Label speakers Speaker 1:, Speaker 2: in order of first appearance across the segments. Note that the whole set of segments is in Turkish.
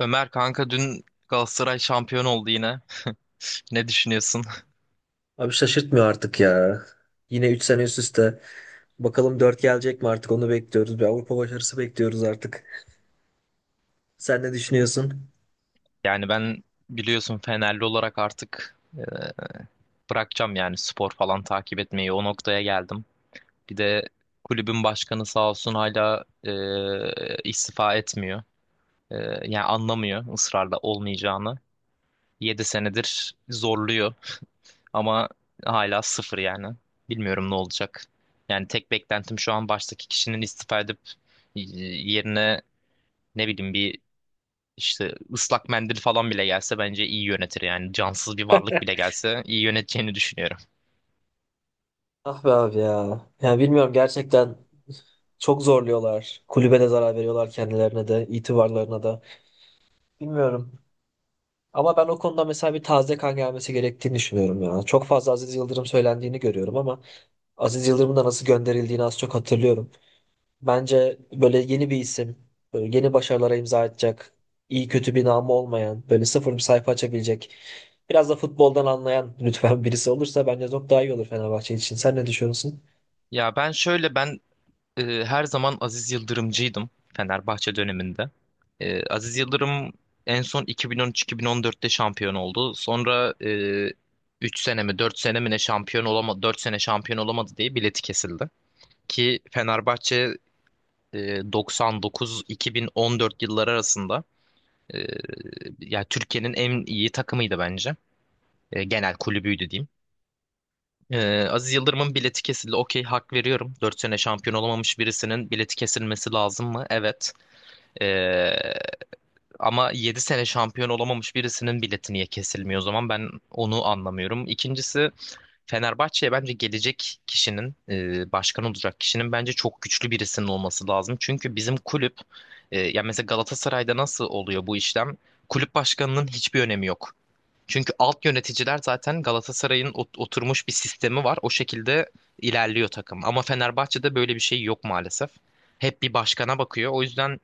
Speaker 1: Ömer kanka dün Galatasaray şampiyon oldu yine. Ne düşünüyorsun?
Speaker 2: Abi şaşırtmıyor artık ya. Yine 3 sene üst üste. Bakalım 4 gelecek mi artık onu bekliyoruz. Bir Avrupa başarısı bekliyoruz artık. Sen ne düşünüyorsun?
Speaker 1: Yani ben biliyorsun Fenerli olarak artık bırakacağım yani spor falan takip etmeyi. O noktaya geldim. Bir de kulübün başkanı sağ olsun hala istifa etmiyor. Yani anlamıyor ısrarla olmayacağını. 7 senedir zorluyor ama hala sıfır yani. Bilmiyorum ne olacak. Yani tek beklentim şu an baştaki kişinin istifa edip yerine ne bileyim bir İşte ıslak mendil falan bile gelse bence iyi yönetir, yani cansız bir varlık bile gelse iyi yöneteceğini düşünüyorum.
Speaker 2: Ah be abi ya. Yani bilmiyorum gerçekten çok zorluyorlar. Kulübe de zarar veriyorlar, kendilerine de, itibarlarına da. Bilmiyorum. Ama ben o konuda mesela bir taze kan gelmesi gerektiğini düşünüyorum ya. Çok fazla Aziz Yıldırım söylendiğini görüyorum ama Aziz Yıldırım'ın da nasıl gönderildiğini az çok hatırlıyorum. Bence böyle yeni bir isim, böyle yeni başarılara imza atacak, iyi kötü bir namı olmayan, böyle sıfır bir sayfa açabilecek, biraz da futboldan anlayan lütfen birisi olursa bence çok daha iyi olur Fenerbahçe için. Sen ne düşünüyorsun?
Speaker 1: Ya ben şöyle, ben her zaman Aziz Yıldırımcıydım Fenerbahçe döneminde. Aziz Yıldırım en son 2013-2014'te şampiyon oldu. Sonra, e, üç 3 sene mi 4 sene mi ne şampiyon olamadı, 4 sene şampiyon olamadı diye bileti kesildi. Ki Fenerbahçe 99-2014 yılları arasında, e, ya Türkiye'nin en iyi takımıydı bence. Genel kulübüydü diyeyim. Aziz Yıldırım'ın bileti kesildi. Okey, hak veriyorum. 4 sene şampiyon olamamış birisinin bileti kesilmesi lazım mı? Evet. E, Ama 7 sene şampiyon olamamış birisinin bileti niye kesilmiyor o zaman? Ben onu anlamıyorum. İkincisi, Fenerbahçe'ye bence gelecek kişinin, başkan olacak kişinin, bence çok güçlü birisinin olması lazım. Çünkü bizim kulüp, ya mesela Galatasaray'da nasıl oluyor bu işlem? Kulüp başkanının hiçbir önemi yok. Çünkü alt yöneticiler zaten Galatasaray'ın oturmuş bir sistemi var. O şekilde ilerliyor takım. Ama Fenerbahçe'de böyle bir şey yok maalesef. Hep bir başkana bakıyor. O yüzden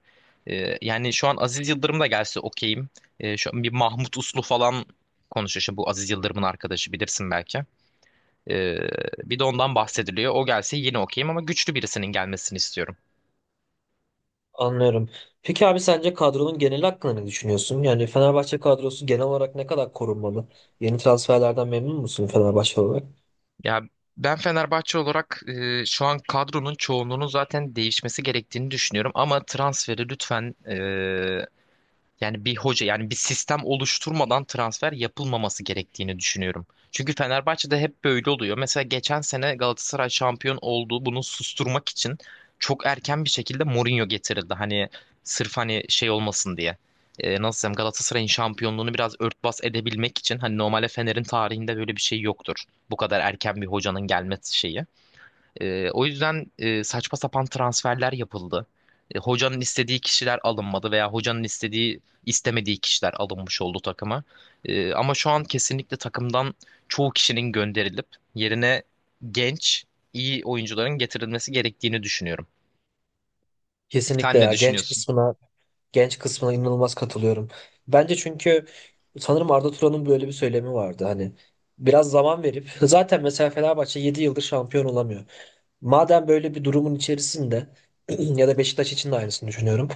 Speaker 1: yani şu an Aziz Yıldırım da gelse okeyim. Şu an bir Mahmut Uslu falan konuşuyor. Şimdi bu Aziz Yıldırım'ın arkadaşı bilirsin belki. Ee, Bir de ondan
Speaker 2: Doğrudur.
Speaker 1: bahsediliyor. O gelse yine okeyim ama güçlü birisinin gelmesini istiyorum.
Speaker 2: Anlıyorum. Peki abi, sence kadronun geneli hakkında ne düşünüyorsun? Yani Fenerbahçe kadrosu genel olarak ne kadar korunmalı? Yeni transferlerden memnun musun Fenerbahçe olarak?
Speaker 1: Ya ben Fenerbahçe olarak şu an kadronun çoğunluğunun zaten değişmesi gerektiğini düşünüyorum. Ama transferi lütfen, yani bir hoca yani bir sistem oluşturmadan transfer yapılmaması gerektiğini düşünüyorum. Çünkü Fenerbahçe'de hep böyle oluyor. Mesela geçen sene Galatasaray şampiyon oldu. Bunu susturmak için çok erken bir şekilde Mourinho getirildi. Hani sırf hani şey olmasın diye. Nasıl diyeyim, Galatasaray'ın şampiyonluğunu biraz örtbas edebilmek için, hani normalde Fener'in tarihinde böyle bir şey yoktur. Bu kadar erken bir hocanın gelmesi şeyi. O yüzden, saçma sapan transferler yapıldı. Hocanın istediği kişiler alınmadı veya hocanın istemediği kişiler alınmış oldu takıma. Ama şu an kesinlikle takımdan çoğu kişinin gönderilip yerine genç, iyi oyuncuların getirilmesi gerektiğini düşünüyorum.
Speaker 2: Kesinlikle
Speaker 1: Sen ne
Speaker 2: ya. Genç
Speaker 1: düşünüyorsun?
Speaker 2: kısmına genç kısmına inanılmaz katılıyorum. Bence çünkü sanırım Arda Turan'ın böyle bir söylemi vardı. Hani biraz zaman verip, zaten mesela Fenerbahçe 7 yıldır şampiyon olamıyor. Madem böyle bir durumun içerisinde, ya da Beşiktaş için de aynısını düşünüyorum.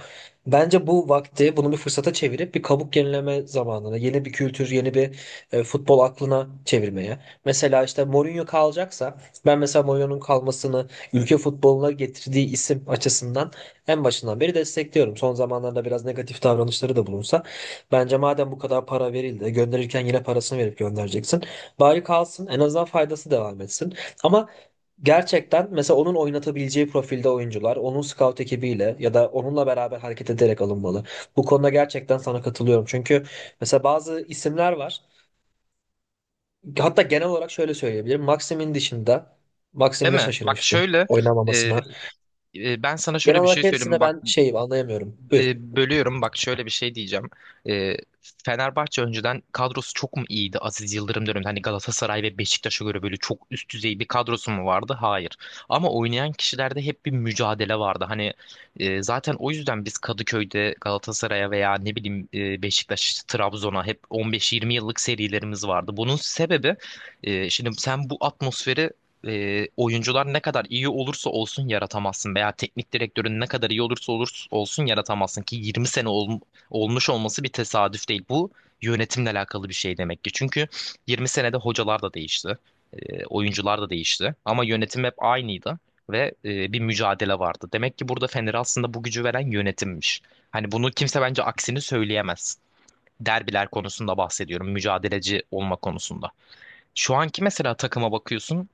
Speaker 2: Bence bu vakti bunu bir fırsata çevirip bir kabuk yenileme zamanına, yeni bir kültür, yeni bir futbol aklına çevirmeye. Mesela işte Mourinho kalacaksa, ben mesela Mourinho'nun kalmasını ülke futboluna getirdiği isim açısından en başından beri destekliyorum. Son zamanlarda biraz negatif davranışları da bulunsa bence madem bu kadar para verildi, gönderirken yine parasını verip göndereceksin. Bari kalsın, en azından faydası devam etsin. Ama gerçekten mesela onun oynatabileceği profilde oyuncular, onun scout ekibiyle ya da onunla beraber hareket ederek alınmalı. Bu konuda gerçekten sana katılıyorum. Çünkü mesela bazı isimler var. Hatta genel olarak şöyle söyleyebilirim. Maxim'in dışında,
Speaker 1: Değil
Speaker 2: Maxim'ine
Speaker 1: mi? Bak
Speaker 2: şaşırmıştım
Speaker 1: şöyle, e,
Speaker 2: oynamamasına.
Speaker 1: ben sana şöyle
Speaker 2: Genel
Speaker 1: bir şey
Speaker 2: olarak
Speaker 1: söyleyeyim.
Speaker 2: hepsine
Speaker 1: Bak,
Speaker 2: ben şey anlayamıyorum. Buyur.
Speaker 1: bölüyorum, bak şöyle bir şey diyeceğim. E, Fenerbahçe önceden kadrosu çok mu iyiydi Aziz Yıldırım döneminde? Hani Galatasaray ve Beşiktaş'a göre böyle çok üst düzey bir kadrosu mu vardı? Hayır. Ama oynayan kişilerde hep bir mücadele vardı. Hani zaten o yüzden biz Kadıköy'de Galatasaray'a veya ne bileyim, Beşiktaş, Trabzon'a hep 15-20 yıllık serilerimiz vardı. Bunun sebebi, şimdi sen bu atmosferi, oyuncular ne kadar iyi olursa olsun yaratamazsın veya teknik direktörün ne kadar iyi olursa olsun yaratamazsın ki 20 sene olmuş olması bir tesadüf değil. Bu yönetimle alakalı bir şey demek ki. Çünkü 20 senede hocalar da değişti, oyuncular da değişti, ama yönetim hep aynıydı ve bir mücadele vardı. Demek ki burada Fener'e aslında bu gücü veren yönetimmiş. Hani bunu kimse bence aksini söyleyemez. Derbiler konusunda bahsediyorum, mücadeleci olma konusunda. Şu anki mesela takıma bakıyorsun.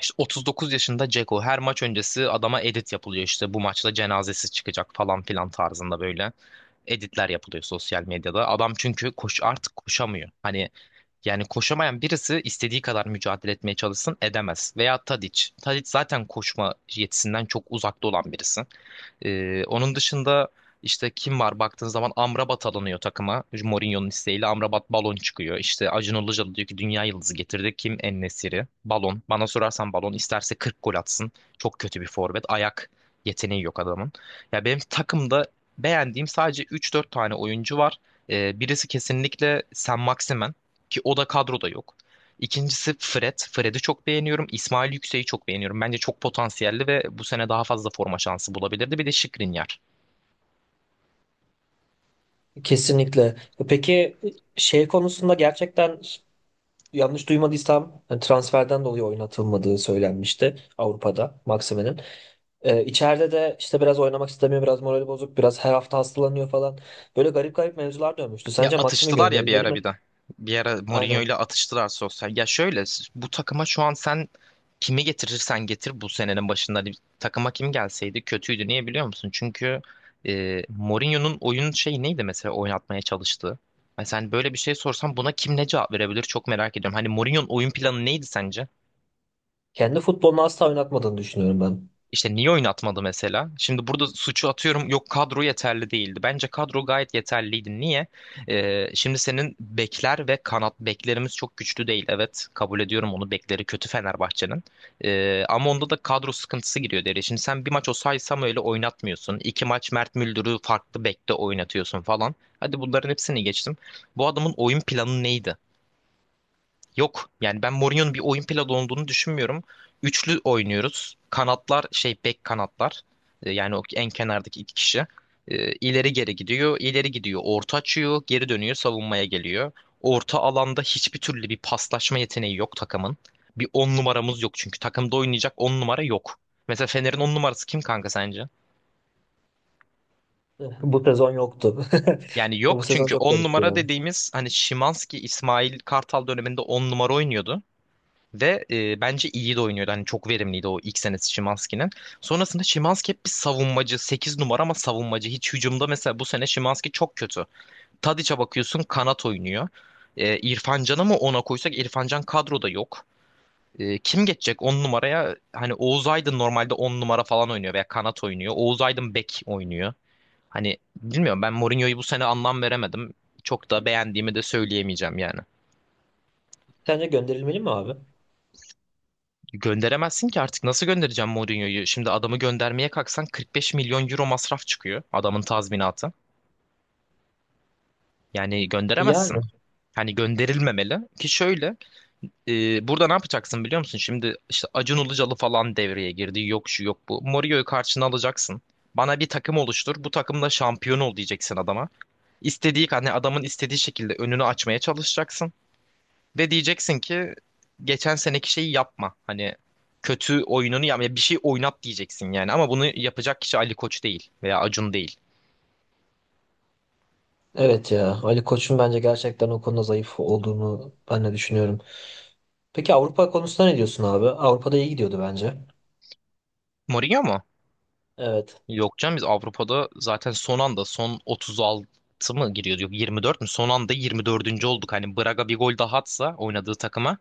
Speaker 1: İşte 39 yaşında Ceko her maç öncesi adama edit yapılıyor, işte bu maçta cenazesi çıkacak falan filan tarzında böyle editler yapılıyor sosyal medyada. Adam çünkü artık koşamıyor. Hani yani koşamayan birisi istediği kadar mücadele etmeye çalışsın edemez. Veya Tadic. Tadic zaten koşma yetisinden çok uzakta olan birisi. Onun dışında işte kim var baktığın zaman, Amrabat alınıyor takıma. Mourinho'nun isteğiyle Amrabat balon çıkıyor. İşte Acun Ilıcalı diyor ki dünya yıldızı getirdi. Kim En-Nesyri? Balon. Bana sorarsan balon. İsterse 40 gol atsın. Çok kötü bir forvet. Ayak yeteneği yok adamın. Ya benim takımda beğendiğim sadece üç dört tane oyuncu var. Birisi kesinlikle Sen Maximen, ki o da kadroda yok. İkincisi Fred. Fred'i çok beğeniyorum. İsmail Yüksek'i çok beğeniyorum. Bence çok potansiyelli ve bu sene daha fazla forma şansı bulabilirdi. Bir de Skriniar.
Speaker 2: Kesinlikle. Peki şey konusunda, gerçekten yanlış duymadıysam, transferden dolayı oynatılmadığı söylenmişti Avrupa'da Maxime'nin. İçeride de işte biraz oynamak istemiyor, biraz morali bozuk, biraz her hafta hastalanıyor falan. Böyle garip garip mevzular dönmüştü.
Speaker 1: Ya
Speaker 2: Sence Maxime
Speaker 1: atıştılar ya bir
Speaker 2: gönderilmeli
Speaker 1: ara
Speaker 2: mi?
Speaker 1: bir de. Bir ara Mourinho
Speaker 2: Aynen.
Speaker 1: ile atıştılar sosyal. Ya şöyle, bu takıma şu an sen kimi getirirsen getir, bu senenin başında hani takıma kim gelseydi kötüydü. Niye biliyor musun? Çünkü Mourinho'nun oyun şeyi neydi mesela oynatmaya çalıştığı? Hani sen böyle bir şey sorsan buna kim ne cevap verebilir çok merak ediyorum. Hani Mourinho'nun oyun planı neydi sence?
Speaker 2: Kendi futbolunu asla oynatmadığını düşünüyorum ben.
Speaker 1: İşte niye oynatmadı mesela? Şimdi burada suçu atıyorum, yok kadro yeterli değildi. Bence kadro gayet yeterliydi. Niye? Şimdi senin bekler ve kanat beklerimiz çok güçlü değil. Evet, kabul ediyorum onu, bekleri kötü Fenerbahçe'nin. Ama onda da kadro sıkıntısı giriyor devreye. Şimdi sen bir maç Osay Samuel'i oynatmıyorsun. İki maç Mert Müldür'ü farklı bekte oynatıyorsun falan. Hadi bunların hepsini geçtim. Bu adamın oyun planı neydi? Yok. Yani ben Mourinho'nun bir oyun planı olduğunu düşünmüyorum. Üçlü oynuyoruz. Kanatlar şey bek kanatlar. Yani o en kenardaki 2 kişi. İleri geri gidiyor. İleri gidiyor. Orta açıyor. Geri dönüyor. Savunmaya geliyor. Orta alanda hiçbir türlü bir paslaşma yeteneği yok takımın. Bir 10 numaramız yok çünkü. Takımda oynayacak 10 numara yok. Mesela Fener'in 10 numarası kim kanka sence?
Speaker 2: Bu sezon yoktu.
Speaker 1: Yani
Speaker 2: Bu
Speaker 1: yok
Speaker 2: sezon
Speaker 1: çünkü
Speaker 2: çok
Speaker 1: 10
Speaker 2: garipti ya.
Speaker 1: numara dediğimiz hani Szymański, İsmail Kartal döneminde 10 numara oynuyordu. Ve bence iyi de oynuyordu. Hani çok verimliydi o ilk senesi Szymański'nin. Sonrasında Szymański hep bir savunmacı, 8 numara ama savunmacı. Hiç hücumda mesela bu sene Szymański çok kötü. Tadiç'e bakıyorsun kanat oynuyor. İrfan Can'ı mı ona koysak, İrfan Can kadroda yok. Kim geçecek 10 numaraya? Hani Oğuz Aydın normalde 10 numara falan oynuyor veya kanat oynuyor. Oğuz Aydın bek oynuyor. Hani bilmiyorum, ben Mourinho'yu bu sene anlam veremedim. Çok da beğendiğimi de söyleyemeyeceğim yani.
Speaker 2: Sence gönderilmeli mi abi?
Speaker 1: Gönderemezsin ki artık, nasıl göndereceğim Mourinho'yu? Şimdi adamı göndermeye kalksan 45 milyon euro masraf çıkıyor adamın tazminatı. Yani gönderemezsin.
Speaker 2: Yani.
Speaker 1: Hani gönderilmemeli ki şöyle, e, burada ne yapacaksın biliyor musun? Şimdi işte Acun Ilıcalı falan devreye girdi. Yok şu yok bu. Mourinho'yu karşına alacaksın. Bana bir takım oluştur. Bu takımda şampiyon ol diyeceksin adama. İstediği hani adamın istediği şekilde önünü açmaya çalışacaksın. Ve diyeceksin ki geçen seneki şeyi yapma. Hani kötü oyununu yapma. Ya, bir şey oynat diyeceksin yani. Ama bunu yapacak kişi Ali Koç değil veya Acun değil.
Speaker 2: Evet ya. Ali Koç'un bence gerçekten o konuda zayıf olduğunu ben de düşünüyorum. Peki Avrupa konusunda ne diyorsun abi? Avrupa'da iyi gidiyordu bence.
Speaker 1: Mourinho mu?
Speaker 2: Evet.
Speaker 1: Yok canım, biz Avrupa'da zaten son anda son 36 mı giriyordu? Yok, 24 mü? Son anda 24. olduk. Hani Braga bir gol daha atsa oynadığı takıma,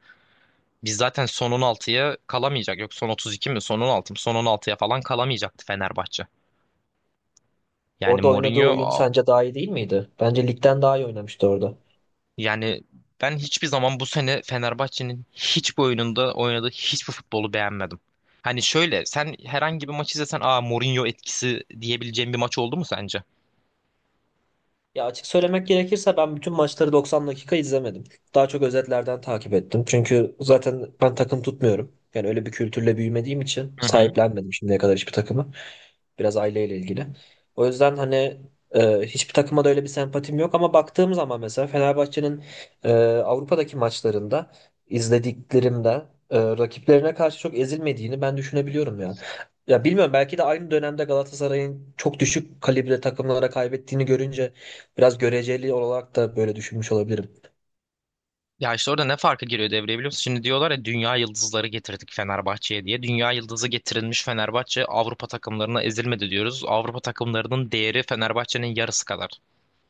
Speaker 1: biz zaten son 16'ya kalamayacak. Yok son 32 mi? Son 16 mı? Son 16'ya falan kalamayacaktı Fenerbahçe. Yani
Speaker 2: Orada oynadığı
Speaker 1: Mourinho
Speaker 2: oyun sence daha iyi değil miydi? Bence ligden daha iyi oynamıştı orada.
Speaker 1: Yani ben hiçbir zaman bu sene Fenerbahçe'nin hiçbir oyununda oynadığı hiçbir futbolu beğenmedim. Hani şöyle sen herhangi bir maç izlesen aa Mourinho etkisi diyebileceğin bir maç oldu mu sence?
Speaker 2: Ya açık söylemek gerekirse ben bütün maçları 90 dakika izlemedim. Daha çok özetlerden takip ettim. Çünkü zaten ben takım tutmuyorum. Yani öyle bir kültürle büyümediğim için
Speaker 1: Hı hı.
Speaker 2: sahiplenmedim şimdiye kadar hiçbir takımı. Biraz aileyle ilgili. O yüzden hani hiçbir takıma da öyle bir sempatim yok ama baktığım zaman mesela Fenerbahçe'nin Avrupa'daki maçlarında izlediklerimde rakiplerine karşı çok ezilmediğini ben düşünebiliyorum ya. Ya bilmiyorum, belki de aynı dönemde Galatasaray'ın çok düşük kalibre takımlara kaybettiğini görünce biraz göreceli olarak da böyle düşünmüş olabilirim.
Speaker 1: Ya işte orada ne farkı giriyor devreye biliyor musun? Şimdi diyorlar ya dünya yıldızları getirdik Fenerbahçe'ye diye. Dünya yıldızı getirilmiş Fenerbahçe Avrupa takımlarına ezilmedi diyoruz. Avrupa takımlarının değeri Fenerbahçe'nin yarısı kadar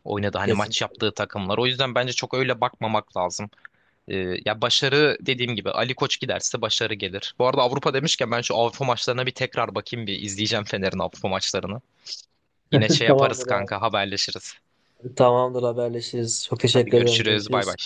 Speaker 1: oynadı hani
Speaker 2: Kesin.
Speaker 1: maç yaptığı takımlar. O yüzden bence çok öyle bakmamak lazım. Ya başarı, dediğim gibi, Ali Koç giderse başarı gelir. Bu arada Avrupa demişken ben şu Avrupa maçlarına bir tekrar bakayım, bir izleyeceğim Fener'in Avrupa maçlarını. Yine şey yaparız
Speaker 2: Tamamdır abi.
Speaker 1: kanka, haberleşiriz.
Speaker 2: Tamamdır, haberleşiriz. Çok
Speaker 1: Hadi
Speaker 2: teşekkür ederim.
Speaker 1: görüşürüz, bay bay.
Speaker 2: Görüşürüz.